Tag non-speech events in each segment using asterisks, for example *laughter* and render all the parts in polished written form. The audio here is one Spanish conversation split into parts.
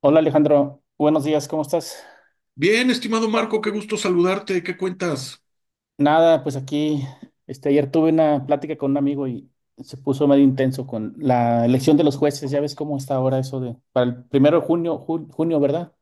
Hola Alejandro, buenos días, ¿cómo estás? Bien, estimado Marco, qué gusto saludarte, ¿qué cuentas? Nada, pues aquí, ayer tuve una plática con un amigo y se puso medio intenso con la elección de los jueces, ya ves cómo está ahora eso de, para el primero de junio, junio, ¿verdad?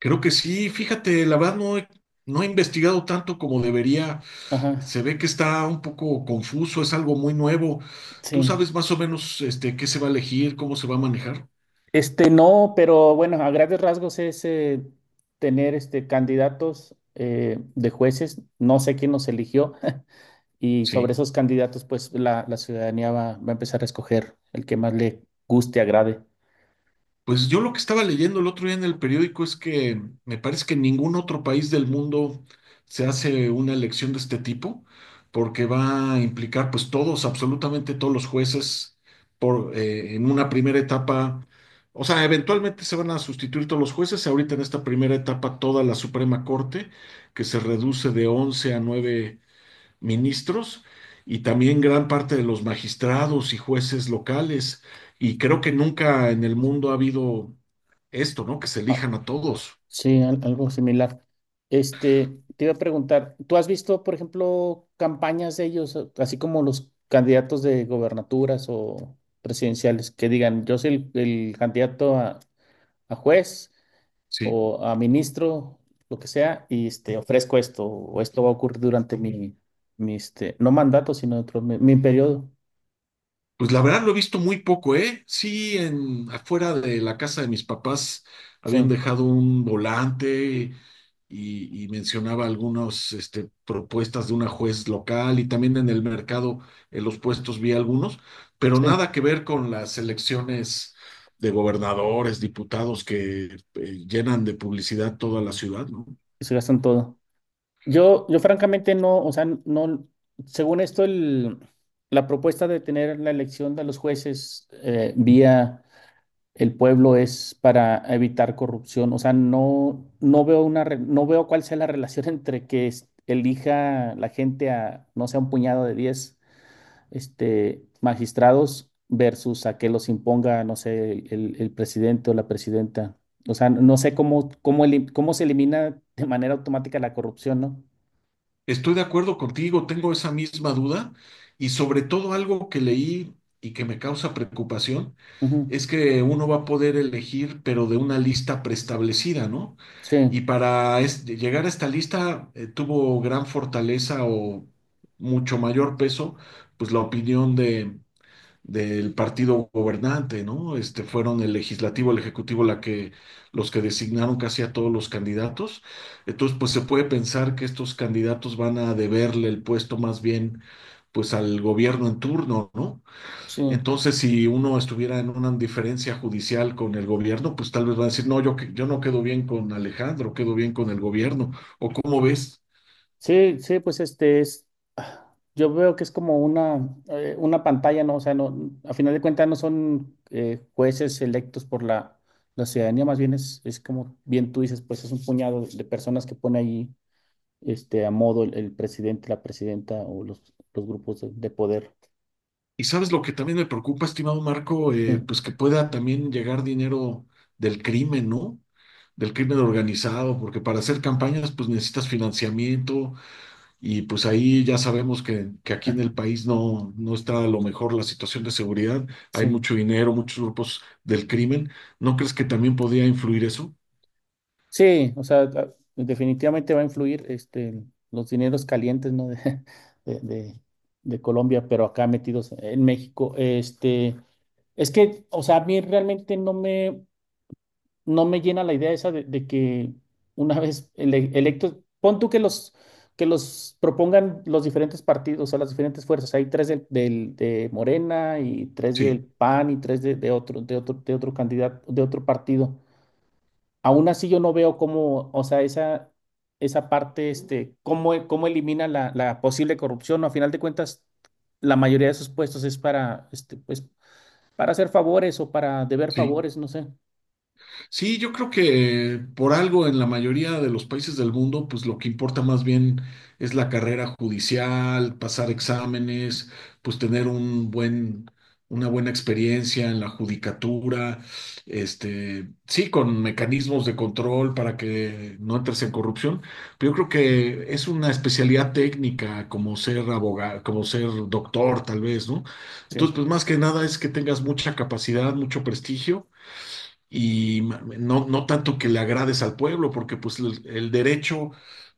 Creo que sí, fíjate, la verdad no he investigado tanto como debería, Ajá, se ve que está un poco confuso, es algo muy nuevo. ¿Tú sí. sabes más o menos qué se va a elegir, cómo se va a manejar? No, pero bueno, a grandes rasgos es tener candidatos de jueces, no sé quién nos eligió, *laughs* y sobre Sí. esos candidatos, pues la ciudadanía va a empezar a escoger el que más le guste, agrade. Pues yo lo que estaba leyendo el otro día en el periódico es que me parece que en ningún otro país del mundo se hace una elección de este tipo, porque va a implicar pues todos, absolutamente todos los jueces en una primera etapa. O sea, eventualmente se van a sustituir todos los jueces. Ahorita en esta primera etapa, toda la Suprema Corte, que se reduce de 11 a 9 ministros, y también gran parte de los magistrados y jueces locales. Y creo que nunca en el mundo ha habido esto, ¿no? Que se elijan a todos. Sí, algo similar. Te iba a preguntar, ¿tú has visto, por ejemplo, campañas de ellos, así como los candidatos de gobernaturas o presidenciales, que digan, yo soy el candidato a juez Sí. o a ministro, lo que sea, y ofrezco esto, o esto va a ocurrir durante mi no mandato, sino dentro de mi periodo. Pues la verdad lo he visto muy poco, ¿eh? Sí, afuera de la casa de mis papás habían Sí, dejado un volante, y mencionaba algunas propuestas de una juez local, y también en el mercado, en los puestos vi algunos, pero sí, nada que ver con las elecciones de gobernadores, diputados que llenan de publicidad toda la ciudad, ¿no? se gastan todo. Yo francamente no, o sea, no, según esto, la propuesta de tener la elección de los jueces vía el pueblo es para evitar corrupción. O sea, no, no veo una, no veo cuál sea la relación *laughs* entre que elija la gente a, no sé, un puñado de 10 magistrados versus a que los imponga, no sé, el presidente o la presidenta. O sea, no sé cómo, cómo, cómo se elimina de manera automática la corrupción, ¿no? Estoy de acuerdo contigo, tengo esa misma duda, y sobre todo algo que leí y que me causa preocupación Ujú. es que uno va a poder elegir, pero de una lista preestablecida, ¿no? Sí, Y para llegar a esta lista tuvo gran fortaleza, o mucho mayor peso, pues la opinión de del partido gobernante, ¿no? Fueron el legislativo, el ejecutivo los que designaron casi a todos los candidatos. Entonces, pues se puede pensar que estos candidatos van a deberle el puesto más bien pues al gobierno en turno, ¿no? sí, Entonces, si uno estuviera en una diferencia judicial con el gobierno, pues tal vez va a decir, no, yo no quedo bien con Alejandro, quedo bien con el gobierno, o cómo ves. sí, sí, pues este es, ah, yo veo que es como una pantalla, ¿no? O sea, no, a final de cuentas no son jueces electos por la ciudadanía, más bien es como bien tú dices, pues es un puñado de personas que pone ahí a modo el presidente, la presidenta o los grupos de poder. Y sabes lo que también me preocupa, estimado Marco. Sí, Pues que pueda también llegar dinero del crimen, ¿no? Del crimen organizado, porque para hacer campañas pues necesitas financiamiento, y pues ahí ya sabemos que, aquí en el país no está a lo mejor la situación de seguridad, hay sí. mucho dinero, muchos grupos del crimen. ¿No crees que también podría influir eso? Sí, o sea, definitivamente va a influir los dineros calientes, ¿no? *laughs* de, de- de- de Colombia, pero acá metidos en México. Es que, o sea, a mí realmente no me, no me llena la idea esa de que una *laughs* vez electos, pon tú que que los propongan los diferentes partidos, o sea, las diferentes fuerzas. Hay tres de Morena y tres Sí, del PAN y tres de otro, de otro, de otro candidato, de otro partido. Aún así yo no veo cómo, o sea, esa parte, cómo, cómo elimina la posible corrupción. A final de cuentas, la mayoría de esos puestos es para, pues, para hacer favores o para deber sí. favores, no sé. Sí, yo creo que por algo en la mayoría de los países del mundo, pues lo que importa más bien es la carrera judicial, pasar exámenes, pues tener una buena experiencia en la judicatura. Sí, con mecanismos de control para que no entres en corrupción. Pero yo creo que es una especialidad técnica, como ser abogado, como ser doctor, tal vez, ¿no? Entonces, Sí. pues más que nada es que tengas mucha capacidad, mucho prestigio, y no, tanto que le agrades al pueblo, porque pues el derecho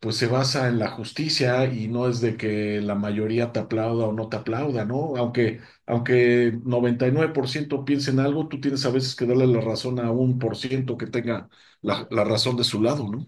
pues se basa en la justicia, y no es de que la mayoría te aplauda o no te aplauda, ¿no? Aunque 99% piense en algo, tú tienes a veces que darle la razón a 1% que tenga la razón de su lado, ¿no?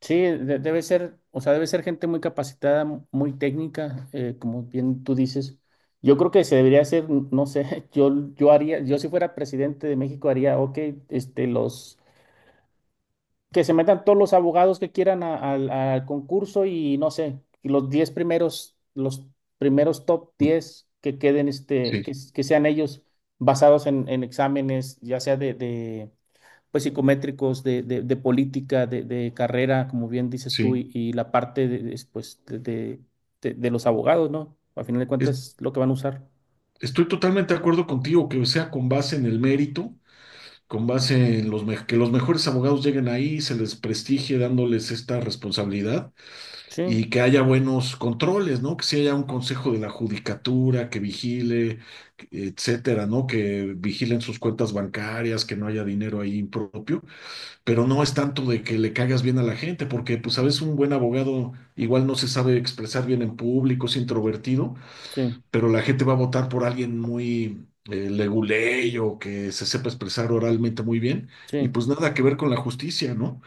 Sí, debe ser, o sea, debe ser gente muy capacitada, muy técnica, como bien tú dices. Yo creo que se debería hacer, no sé, *laughs* yo haría, yo si fuera presidente de México haría, ok, los que se metan todos los abogados que quieran al concurso y no sé, y los 10 primeros, los primeros top 10 que queden, Sí, que, que sean ellos basados en exámenes, ya sea de, pues, psicométricos, de política, de carrera, como bien dices tú, sí. Y la parte de, pues, de, de los abogados, ¿no? Al final de Es- cuentas, lo que van a usar. estoy totalmente de acuerdo contigo, que sea con base en el mérito, con base en que los mejores abogados lleguen ahí, se les prestigie dándoles esta responsabilidad, Sí, y que haya buenos controles, ¿no? Que sí haya un consejo de la judicatura que vigile, etcétera, ¿no? Que vigilen sus cuentas bancarias, que no haya dinero ahí impropio. Pero no es tanto de que le caigas bien a la gente, porque pues a veces un buen abogado igual no se sabe expresar bien en público, es introvertido, sí, pero la gente va a votar por alguien muy leguleyo, que se sepa expresar oralmente muy bien, y sí. pues nada que ver con la justicia, ¿no?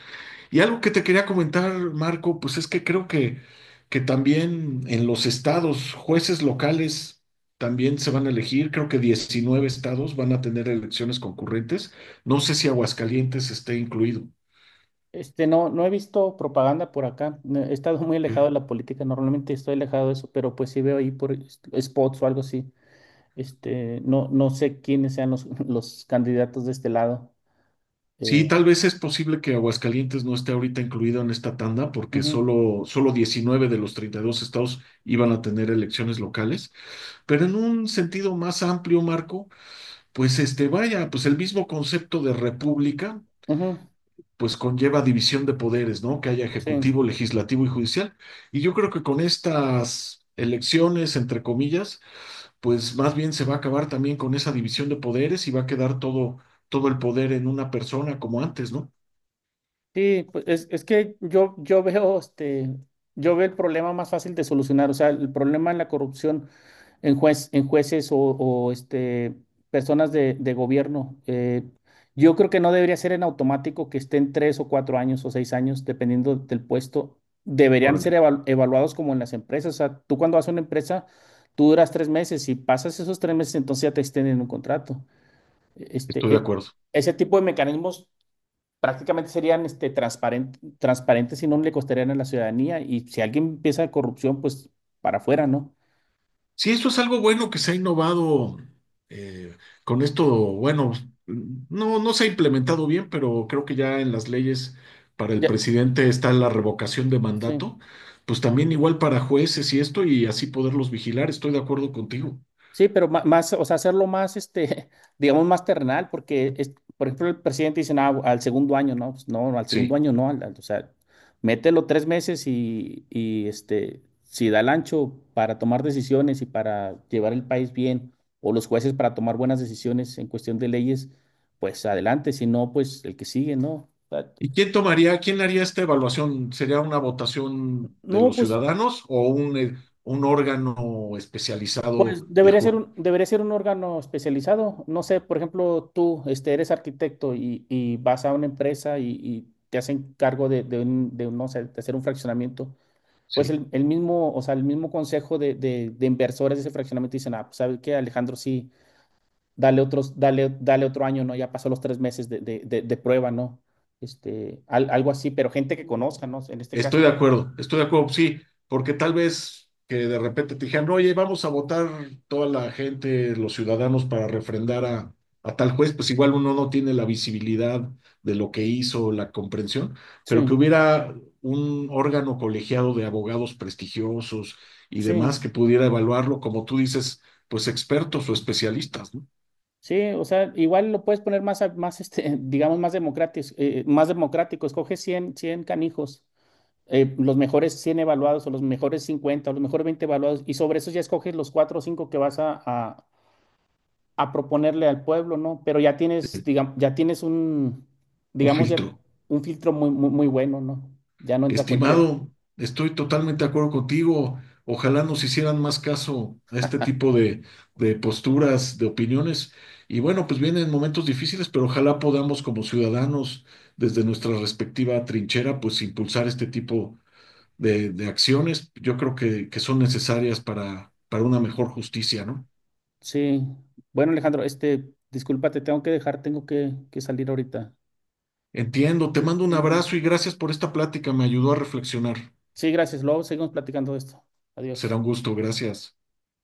Y algo que te quería comentar, Marco, pues es que creo que también en los estados, jueces locales también se van a elegir. Creo que 19 estados van a tener elecciones concurrentes. No sé si Aguascalientes esté incluido. No, no he visto propaganda por acá. No, he estado muy alejado de Mm. la política. Normalmente estoy alejado de eso, pero pues sí veo ahí por spots o algo así. No, no sé quiénes sean los, *laughs* los candidatos de este lado. Eh, Sí, tal vez es posible que Aguascalientes no esté ahorita incluido en esta tanda, porque ujú, solo 19 de los 32 estados iban a tener elecciones locales. Pero en un sentido más amplio, Marco, pues vaya, pues el mismo concepto de república ujú, pues conlleva división de poderes, ¿no? Que haya sí. ejecutivo, legislativo y judicial. Y yo creo que con estas elecciones, entre comillas, pues más bien se va a acabar también con esa división de poderes, y va a quedar todo, todo el poder en una persona como antes, ¿no? Sí, pues es que yo veo yo veo el problema más fácil de solucionar, o sea, el problema en la corrupción en juez, en jueces o, personas de gobierno. Yo creo que no debería ser en automático que estén 3 o 4 años o 6 años, dependiendo del puesto. Deberían ser Órale, evaluados como en las empresas. O sea, tú cuando vas a una empresa, tú duras 3 meses. Y pasas esos 3 meses, entonces ya te extienden un contrato. estoy Este, de e- acuerdo. Ese tipo de mecanismos prácticamente serían transparentes y no le costarían a la ciudadanía. Y si alguien empieza corrupción, pues para afuera, ¿no? Sí, esto es algo bueno que se ha innovado eh, con esto. Bueno, no, se ha implementado bien, pero creo que ya en las leyes para el Ya, presidente está la revocación de sí. mandato, pues también igual para jueces, y esto, y así poderlos vigilar. Estoy de acuerdo contigo. Sí, pero más, o sea, hacerlo más, *laughs* digamos, más terrenal, porque, por ejemplo, el presidente dice, "Ah, al segundo año, no, pues no, al segundo Sí. año no, o sea, mételo 3 meses y, si da el ancho para tomar decisiones y para llevar el país bien, o los jueces para tomar buenas decisiones en cuestión de leyes, pues adelante, si no, pues el que sigue, ¿no? O sea, ¿Y quién tomaría, quién haría esta evaluación? ¿Sería una votación de no, los pues ciudadanos, o un órgano especializado pues de jur? Debería ser un órgano especializado. No sé, por ejemplo, tú eres arquitecto y vas a una empresa y te hacen cargo de de un, no sé, de hacer un fraccionamiento. Pues Sí. El mismo, o sea, el mismo consejo de, de inversores de ese fraccionamiento dicen, ah, pues sabes qué, Alejandro, sí, dale otros, dale, dale otro año, ¿no? Ya pasó los 3 meses de, de prueba, ¿no? Algo así, pero gente que conozca, ¿no? En este caso. Estoy de acuerdo, sí, porque tal vez que de repente te dijeran, oye, vamos a votar toda la gente, los ciudadanos, para refrendar a tal juez, pues igual uno no tiene la visibilidad de lo que hizo, la comprensión, pero que Sí, hubiera un órgano colegiado de abogados prestigiosos y demás sí. que pudiera evaluarlo, como tú dices, pues expertos o especialistas, ¿no? Sí, o sea, igual lo puedes poner más, más *laughs* digamos, más democrático, más democrático. Escoge 100, 100 canijos, los mejores 100 evaluados o los mejores 50, o los mejores 20 evaluados y sobre eso ya escoges los 4 o 5 que vas a proponerle al pueblo, ¿no? Pero ya tienes, digamos, ya tienes un, Un digamos, ya filtro. un filtro muy, muy, muy bueno, ¿no? Ya no entra cualquiera. Estimado, estoy totalmente de acuerdo contigo. Ojalá nos hicieran más caso a este tipo de posturas, de opiniones. Y bueno, pues vienen momentos difíciles, pero ojalá podamos, como ciudadanos, desde nuestra respectiva trinchera, pues impulsar este tipo de acciones. Yo creo que son necesarias para una mejor justicia, ¿no? Sí. Bueno, Alejandro, disculpa, te tengo que dejar, tengo que salir ahorita. Entiendo, te mando un abrazo y gracias por esta plática. Me ayudó a reflexionar. Sí, gracias. Luego seguimos platicando de esto. Será Adiós. un gusto, gracias.